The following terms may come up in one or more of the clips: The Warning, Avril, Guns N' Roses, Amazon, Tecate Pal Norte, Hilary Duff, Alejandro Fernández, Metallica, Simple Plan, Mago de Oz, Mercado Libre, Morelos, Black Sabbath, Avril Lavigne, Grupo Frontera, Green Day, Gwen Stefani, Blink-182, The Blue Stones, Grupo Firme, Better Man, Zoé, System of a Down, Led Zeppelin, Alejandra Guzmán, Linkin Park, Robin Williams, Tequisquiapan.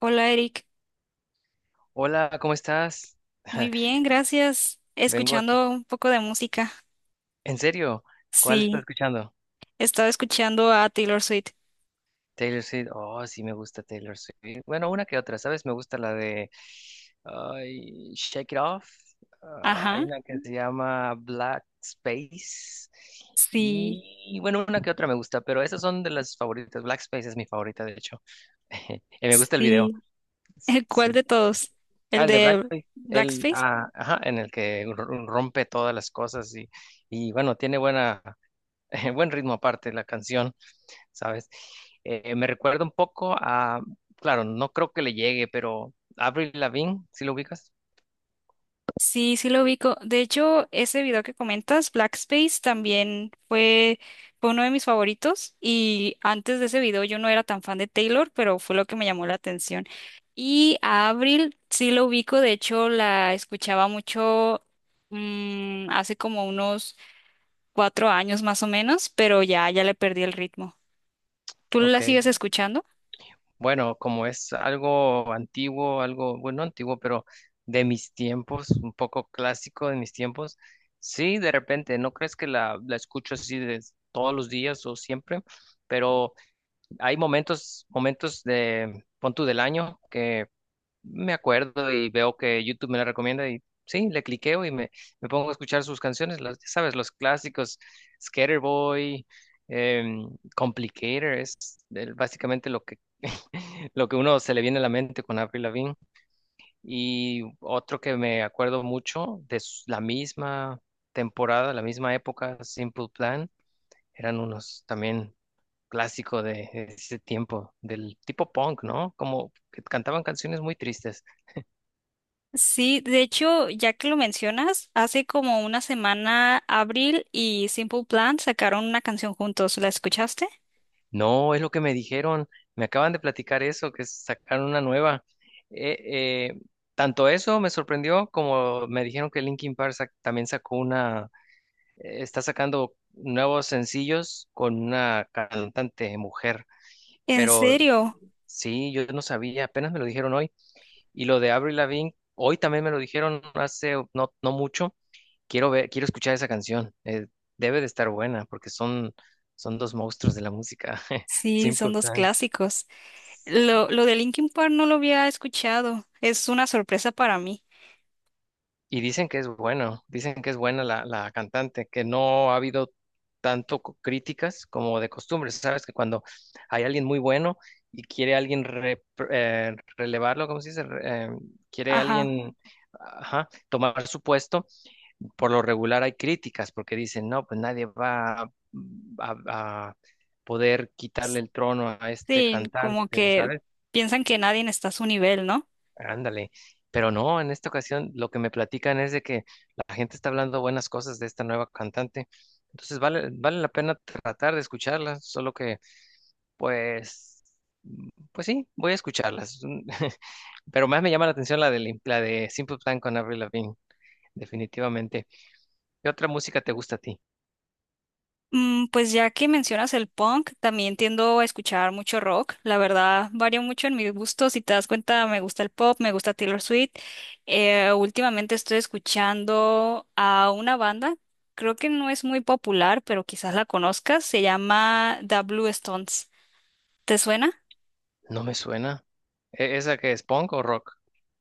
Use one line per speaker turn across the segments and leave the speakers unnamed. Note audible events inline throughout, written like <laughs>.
Hola Eric,
Hola, ¿cómo estás?
muy
<laughs>
bien, gracias.
Vengo aquí.
Escuchando un poco de música.
¿En serio? ¿Cuál estás
Sí,
escuchando?
estaba escuchando a Taylor Swift.
Taylor Swift. Oh, sí me gusta Taylor Swift. Bueno, una que otra, ¿sabes? Me gusta la de ay, Shake It Off. Ah, hay
Ajá,
una que se llama Black Space.
sí,
Y bueno, una que otra me gusta, pero esas son de las favoritas. Black Space es mi favorita, de hecho. <laughs> Y me gusta el video.
sí. <laughs> ¿Cuál
Sí.
de todos?
Ah,
¿El
el de Black
de
Space. El,
Blackface?
ah, ajá, en el que rompe todas las cosas y bueno, tiene buena. <laughs> buen ritmo aparte la canción, ¿sabes? Me recuerda un poco a, claro, no creo que le llegue, pero Avril Lavigne, ¿sí lo ubicas?
Sí, sí lo ubico. De hecho, ese video que comentas, Blackspace, también fue uno de mis favoritos. Y antes de ese video yo no era tan fan de Taylor, pero fue lo que me llamó la atención. Y a Avril sí lo ubico. De hecho, la escuchaba mucho, hace como unos 4 años más o menos, pero ya le perdí el ritmo. ¿Tú
Ok,
la sigues escuchando?
bueno, como es algo antiguo, algo, bueno, no antiguo, pero de mis tiempos, un poco clásico de mis tiempos, sí, de repente, no crees que la escucho así de todos los días o siempre, pero hay momentos, momentos de, pon tú del año que me acuerdo y veo que YouTube me la recomienda y sí, le cliqueo y me pongo a escuchar sus canciones, las, ya sabes, los clásicos, Skaterboy, em, Complicator, básicamente lo que, <laughs> lo que uno se le viene a la mente con Avril Lavigne. Y otro que me acuerdo mucho de la misma temporada, la misma época, Simple Plan, eran unos también clásico de ese tiempo, del tipo punk, ¿no? Como que cantaban canciones muy tristes.
Sí, de hecho, ya que lo mencionas, hace como una semana Avril y Simple Plan sacaron una canción juntos. ¿La escuchaste?
No, es lo que me dijeron. Me acaban de platicar eso, que sacaron una nueva. Eh, eh, tanto eso me sorprendió como me dijeron que Linkin Park también sacó una, está sacando nuevos sencillos con una cantante mujer.
¿En
Pero
serio?
sí, yo no sabía, apenas me lo dijeron hoy. Y lo de Avril Lavigne, hoy también me lo dijeron hace no, no mucho. Quiero ver, quiero escuchar esa canción. Debe de estar buena porque son dos monstruos de la música. <laughs>
Sí, son
Simple
dos
Plan.
clásicos. Lo de Linkin Park no lo había escuchado. Es una sorpresa para mí.
Y dicen que es bueno, dicen que es buena la cantante, que no ha habido tanto críticas como de costumbre. Sabes que cuando hay alguien muy bueno y quiere alguien relevarlo, ¿cómo se dice? Quiere
Ajá.
alguien ajá, tomar su puesto, por lo regular hay críticas porque dicen, no, pues nadie va a- a poder quitarle el trono a este
Sí, como
cantante,
que
¿sabes?
piensan que nadie está a su nivel, ¿no?
Ándale, pero no, en esta ocasión lo que me platican es de que la gente está hablando buenas cosas de esta nueva cantante, entonces vale la pena tratar de escucharla, solo que pues, pues sí, voy a escucharlas, <laughs> pero más me llama la atención la de Simple Plan con Avril Lavigne, definitivamente. ¿Qué otra música te gusta a ti?
Pues ya que mencionas el punk, también tiendo a escuchar mucho rock. La verdad, varía mucho en mis gustos. Si te das cuenta, me gusta el pop, me gusta Taylor Swift. Últimamente estoy escuchando a una banda, creo que no es muy popular, pero quizás la conozcas. Se llama The Blue Stones. ¿Te suena?
No me suena. ¿Esa que es punk o rock?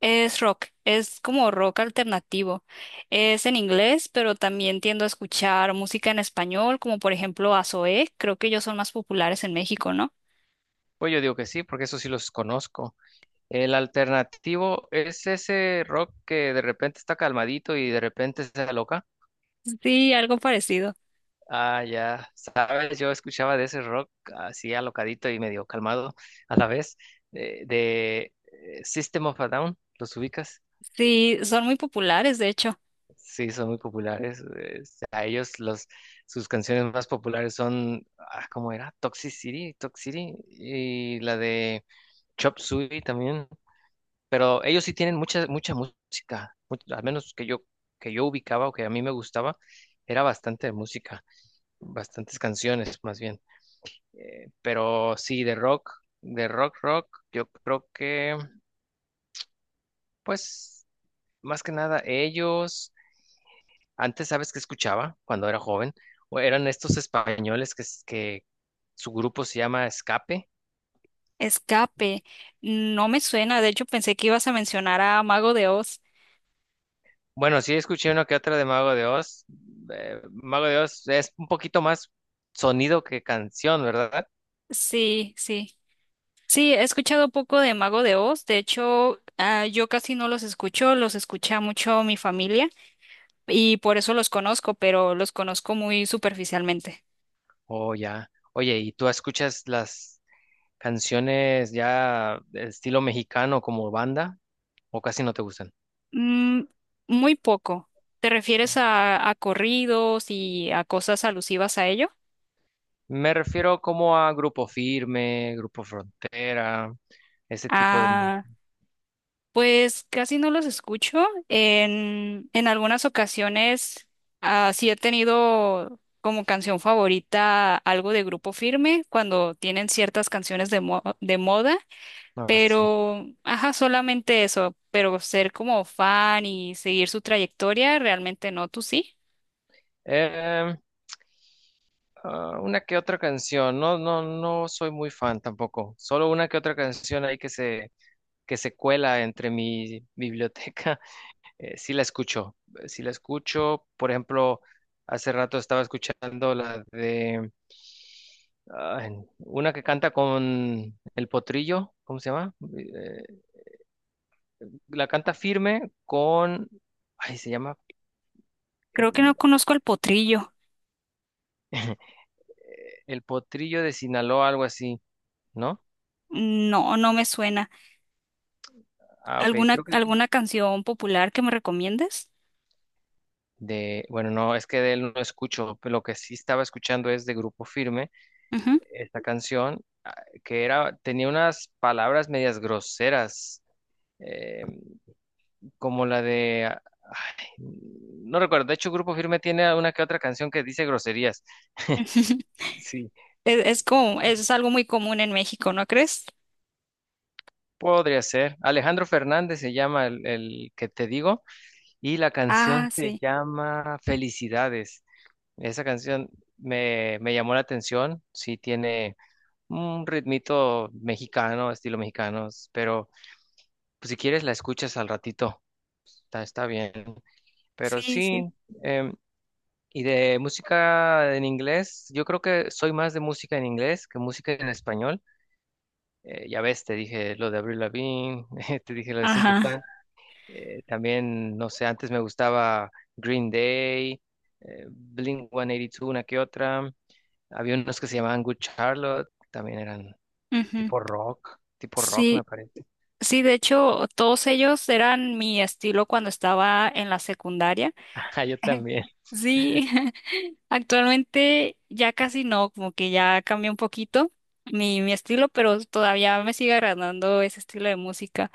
Es rock, es como rock alternativo. Es en inglés, pero también tiendo a escuchar música en español, como por ejemplo a Zoé. Creo que ellos son más populares en México, ¿no?
Pues yo digo que sí, porque eso sí los conozco. El alternativo es ese rock que de repente está calmadito y de repente se aloca.
Sí, algo parecido.
Ah, ya sabes, yo escuchaba de ese rock así alocadito y medio calmado a la vez. System of a Down, ¿los ubicas?
Sí, son muy populares, de hecho.
Sí, son muy populares. A ellos los, sus canciones más populares son, ¿cómo era? Toxic City, Toxic City y la de Chop Suey también. Pero ellos sí tienen mucha, mucha música, al menos que yo ubicaba o que a mí me gustaba, era bastante música, bastantes canciones más bien. Pero sí, de rock, rock, yo creo que, pues, más que nada ellos, antes, ¿sabes qué escuchaba cuando era joven? O eran estos españoles que su grupo se llama Escape.
Escape, no me suena, de hecho pensé que ibas a mencionar a Mago de Oz.
Bueno, sí escuché uno que otro de Mago de Oz. Mago de Oz es un poquito más sonido que canción, ¿verdad?
Sí. Sí, he escuchado poco de Mago de Oz, de hecho, yo casi no los escucho, los escucha mucho mi familia y por eso los conozco, pero los conozco muy superficialmente.
Oh, ya. Oye, ¿y tú escuchas las canciones ya de estilo mexicano como banda o casi no te gustan?
Mm, Muy poco. ¿Te refieres a corridos y a cosas alusivas a ello?
Me refiero como a Grupo Firme, Grupo Frontera, ese tipo de
Ah.
música.
Pues casi no los escucho. En algunas ocasiones sí he tenido como canción favorita algo de Grupo Firme cuando tienen ciertas canciones de, de moda,
Así.
pero ajá, solamente eso. Pero ser como fan y seguir su trayectoria, realmente no, tú sí.
Em, una que otra canción. No, no, no soy muy fan tampoco. Solo una que otra canción ahí que se cuela entre mi biblioteca, <laughs> sí la escucho, sí la escucho. Por ejemplo, hace rato estaba escuchando la de ah, una que canta con el potrillo, ¿cómo se llama? La canta firme con, ay, se llama
Creo que no
eh,
conozco al Potrillo.
el potrillo de Sinaloa, algo así, ¿no?
No, no me suena.
Ah, ok,
¿Alguna,
creo que
alguna canción popular que me recomiendes?
de, bueno, no, es que de él no escucho, pero lo que sí estaba escuchando es de Grupo Firme
Ujú.
esta canción que era, tenía unas palabras medias groseras, eh, como la de, ay, no recuerdo. De hecho, Grupo Firme tiene una que otra canción que dice groserías. <laughs>
<laughs>
Sí,
Es como, eso es algo muy común en México, ¿no crees?
podría ser. Alejandro Fernández se llama el que te digo y la
Ah,
canción se
sí,
llama Felicidades. Esa canción me llamó la atención, sí tiene un ritmito mexicano, estilo mexicano, pero pues, si quieres la escuchas al ratito. Está bien. Pero
sí,
sí,
sí.
em, y de música en inglés, yo creo que soy más de música en inglés que música en español. Ya ves, te dije lo de Avril Lavigne, <laughs> te dije lo de Simple
Ajá.
Plan. También, no sé, antes me gustaba Green Day, Blink-182, una que otra. Había unos que se llamaban Good Charlotte, también eran
Ujú.
tipo rock me
Sí,
parece.
sí, de hecho, todos ellos eran mi estilo cuando estaba en la secundaria.
<laughs> Ajá, yo
<laughs>
también,
Sí, <laughs> actualmente ya casi no, como que ya cambió un poquito mi estilo, pero todavía me sigue agradando ese estilo de música.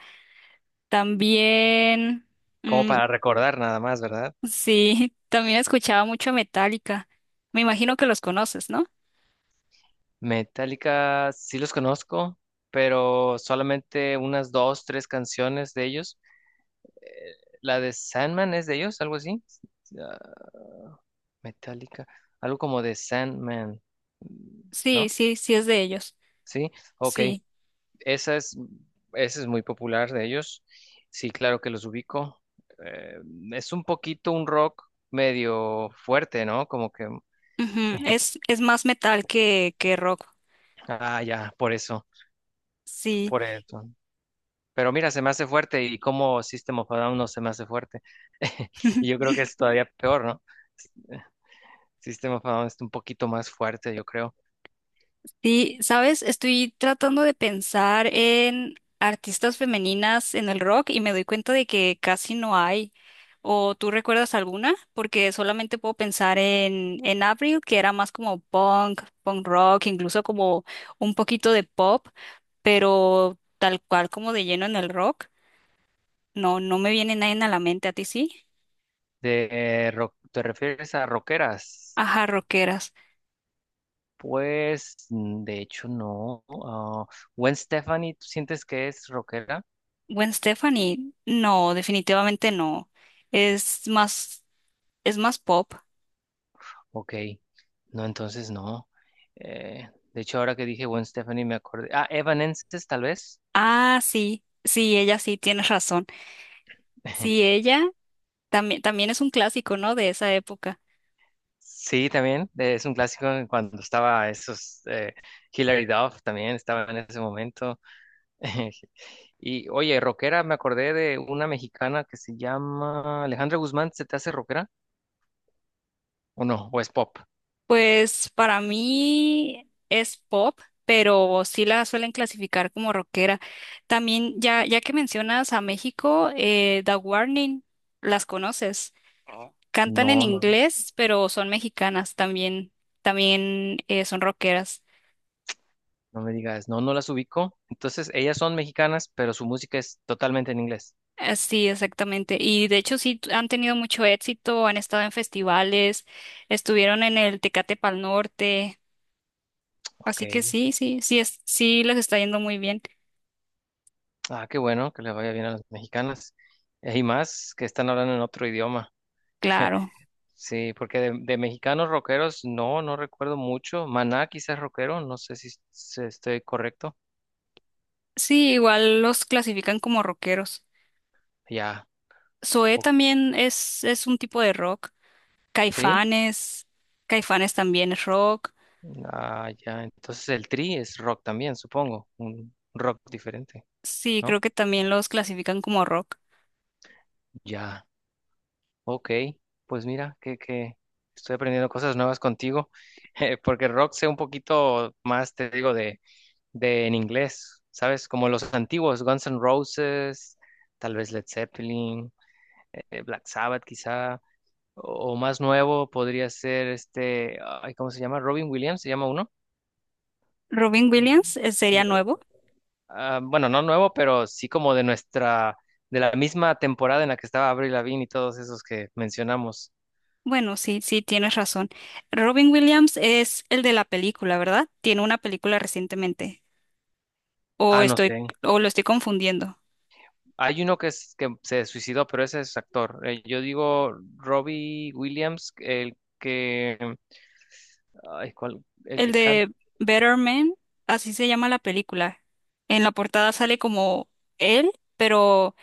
También,
como
mm,
para recordar nada más, ¿verdad?
sí, <laughs> también escuchaba mucho Metallica. Me imagino que los conoces, ¿no?
Metallica sí los conozco, pero solamente unas dos, tres canciones de ellos. Eh, la de Sandman es de ellos, algo así. Ah, Metallica, algo como de Sandman,
Sí,
¿no?
sí, sí es de ellos.
Sí, ok.
Sí.
Esa es, esa es muy popular de ellos. Sí, claro que los ubico. Eh, es un poquito un rock medio fuerte, ¿no? Como que,
Ujú. Es más metal que rock.
ya, por eso,
Sí.
por eso. Pero mira, se me hace fuerte y como System of a Down no se me hace fuerte. <laughs> Y yo creo que es todavía peor, ¿no? System of a Down es un poquito más fuerte, yo creo.
Sí, ¿sabes? Estoy tratando de pensar en artistas femeninas en el rock y me doy cuenta de que casi no hay. ¿O tú recuerdas alguna? Porque solamente puedo pensar en Avril, que era más como punk, punk rock, incluso como un poquito de pop, pero tal cual como de lleno en el rock. No, no me viene nadie a la mente, ¿a ti sí?
¿Te refieres a rockeras?
Ajá, rockeras.
Pues, de hecho, no. Ah, Gwen Stefani, ¿tú sientes que es rockera?
Gwen Stefani, no, definitivamente no. Es más, es más pop.
Ok, no, entonces no. De hecho, ahora que dije Gwen Stefani me acordé. Ah, Evanescence, tal vez.
Ah, sí, ella sí, tienes razón. Sí,
<laughs>
ella también, también es un clásico, ¿no? De esa época.
Sí, también es un clásico en cuando estaba esos Hilary Duff también estaba en ese momento. <laughs> Y oye, rockera, me acordé de una mexicana que se llama Alejandra Guzmán, ¿se te hace rockera? ¿O no? ¿O es pop?
Pues para mí es pop, pero sí la suelen clasificar como rockera. También, ya que mencionas a México, The Warning, las conoces. Cantan en
No, no,
inglés, pero son mexicanas también, también son rockeras.
no me digas, no, no las ubico. Entonces, ellas son mexicanas, pero su música es totalmente en inglés.
Sí, exactamente. Y de hecho sí han tenido mucho éxito, han estado en festivales, estuvieron en el Tecate Pal Norte, así que
Ok.
sí, sí les está yendo muy bien,
Ah, qué bueno, que le vaya bien a las mexicanas. Y más que están hablando en otro idioma.
claro.
<laughs> Sí, porque de mexicanos rockeros no recuerdo mucho. Maná quizás rockero, no sé si estoy correcto.
Sí, igual los clasifican como rockeros.
Ya,
Zoé
o-
también es un tipo de rock.
¿sí?
Caifanes, Caifanes también es rock.
Ah, ya, entonces el Tri es rock también, supongo, un rock diferente,
Sí,
¿no?
creo que también los clasifican como rock.
Ya, ok, pues mira, que estoy aprendiendo cosas nuevas contigo, <laughs> porque rock sé un poquito más, te digo, de en inglés, ¿sabes? Como los antiguos, Guns N' Roses, tal vez Led Zeppelin, Black Sabbath quizá. O más nuevo podría ser este, ay, ¿cómo se llama? Robin Williams, se llama uno.
Robin Williams sería
De-
nuevo.
bueno, no nuevo, pero sí como de nuestra, de la misma temporada en la que estaba Avril Lavigne y todos esos que mencionamos.
Bueno, sí, tienes razón. Robin Williams es el de la película, ¿verdad? Tiene una película recientemente. O
Ah, no
estoy,
sé.
o lo estoy confundiendo.
Hay uno que se suicidó, pero ese es actor. Yo digo Robbie Williams, el que, ay, ¿cuál? El
El
que canta.
de Better Man, así se llama la película. En la portada sale como él, pero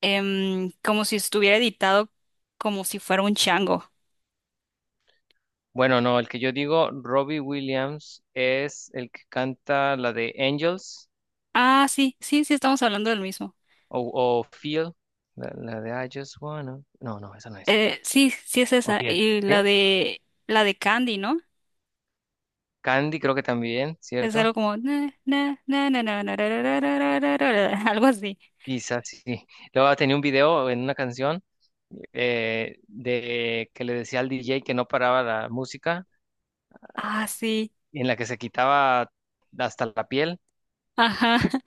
como si estuviera editado, como si fuera un chango.
Bueno, no, el que yo digo, Robbie Williams, es el que canta la de Angels.
Ah, sí, estamos hablando del mismo.
O, o Feel, la de I Just Wanna. No, no, esa no es.
Sí, sí es
O
esa.
sí es,
Y
¿sí?
la de Candy, ¿no?
Candy creo que también,
Es
¿cierto?
algo como na, na, na, na, na, na, ra, ra, ra, ra, ra, ra, ra, <laughs> ra, algo así.
Quizás sí. Luego tenía un video en una canción de que le decía al DJ que no paraba la música,
Ah, sí.
en la que se quitaba hasta la piel.
Ajá. <laughs>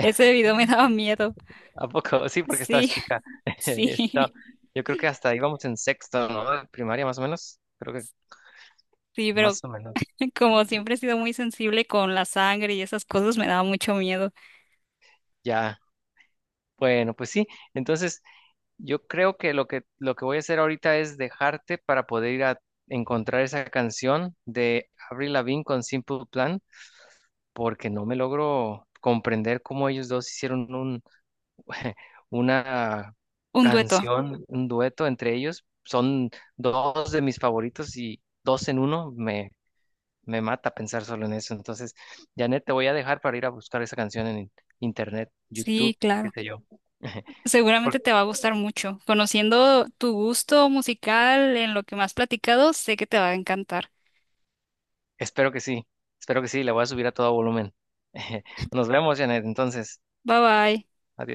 Ese video me daba miedo.
¿A poco? <laughs> Sí, porque estás
Sí,
chica. <laughs>
<laughs> sí,
Esto, yo creo que hasta íbamos en sexto, ¿no? Primaria más o menos. Creo que
sí, pero
más o menos.
como siempre he sido muy sensible con la sangre y esas cosas, me daba mucho miedo.
Ya. Bueno, pues sí. Entonces, yo creo que lo que voy a hacer ahorita es dejarte para poder ir a encontrar esa canción de Avril Lavigne con Simple Plan, porque no me logro comprender cómo ellos dos hicieron un <laughs> una
Un dueto.
canción, un dueto entre ellos. Son dos de mis favoritos y dos en uno me mata pensar solo en eso. Entonces, Janet, te voy a dejar para ir a buscar esa canción en internet,
Sí,
YouTube, qué
claro.
sé yo. <laughs>
Seguramente
Porque
te va a gustar mucho. Conociendo tu gusto musical en lo que me has platicado, sé que te va a encantar.
espero que sí, espero que sí, la voy a subir a todo volumen. <laughs> Nos vemos, Janet, entonces,
Bye bye.
adiós.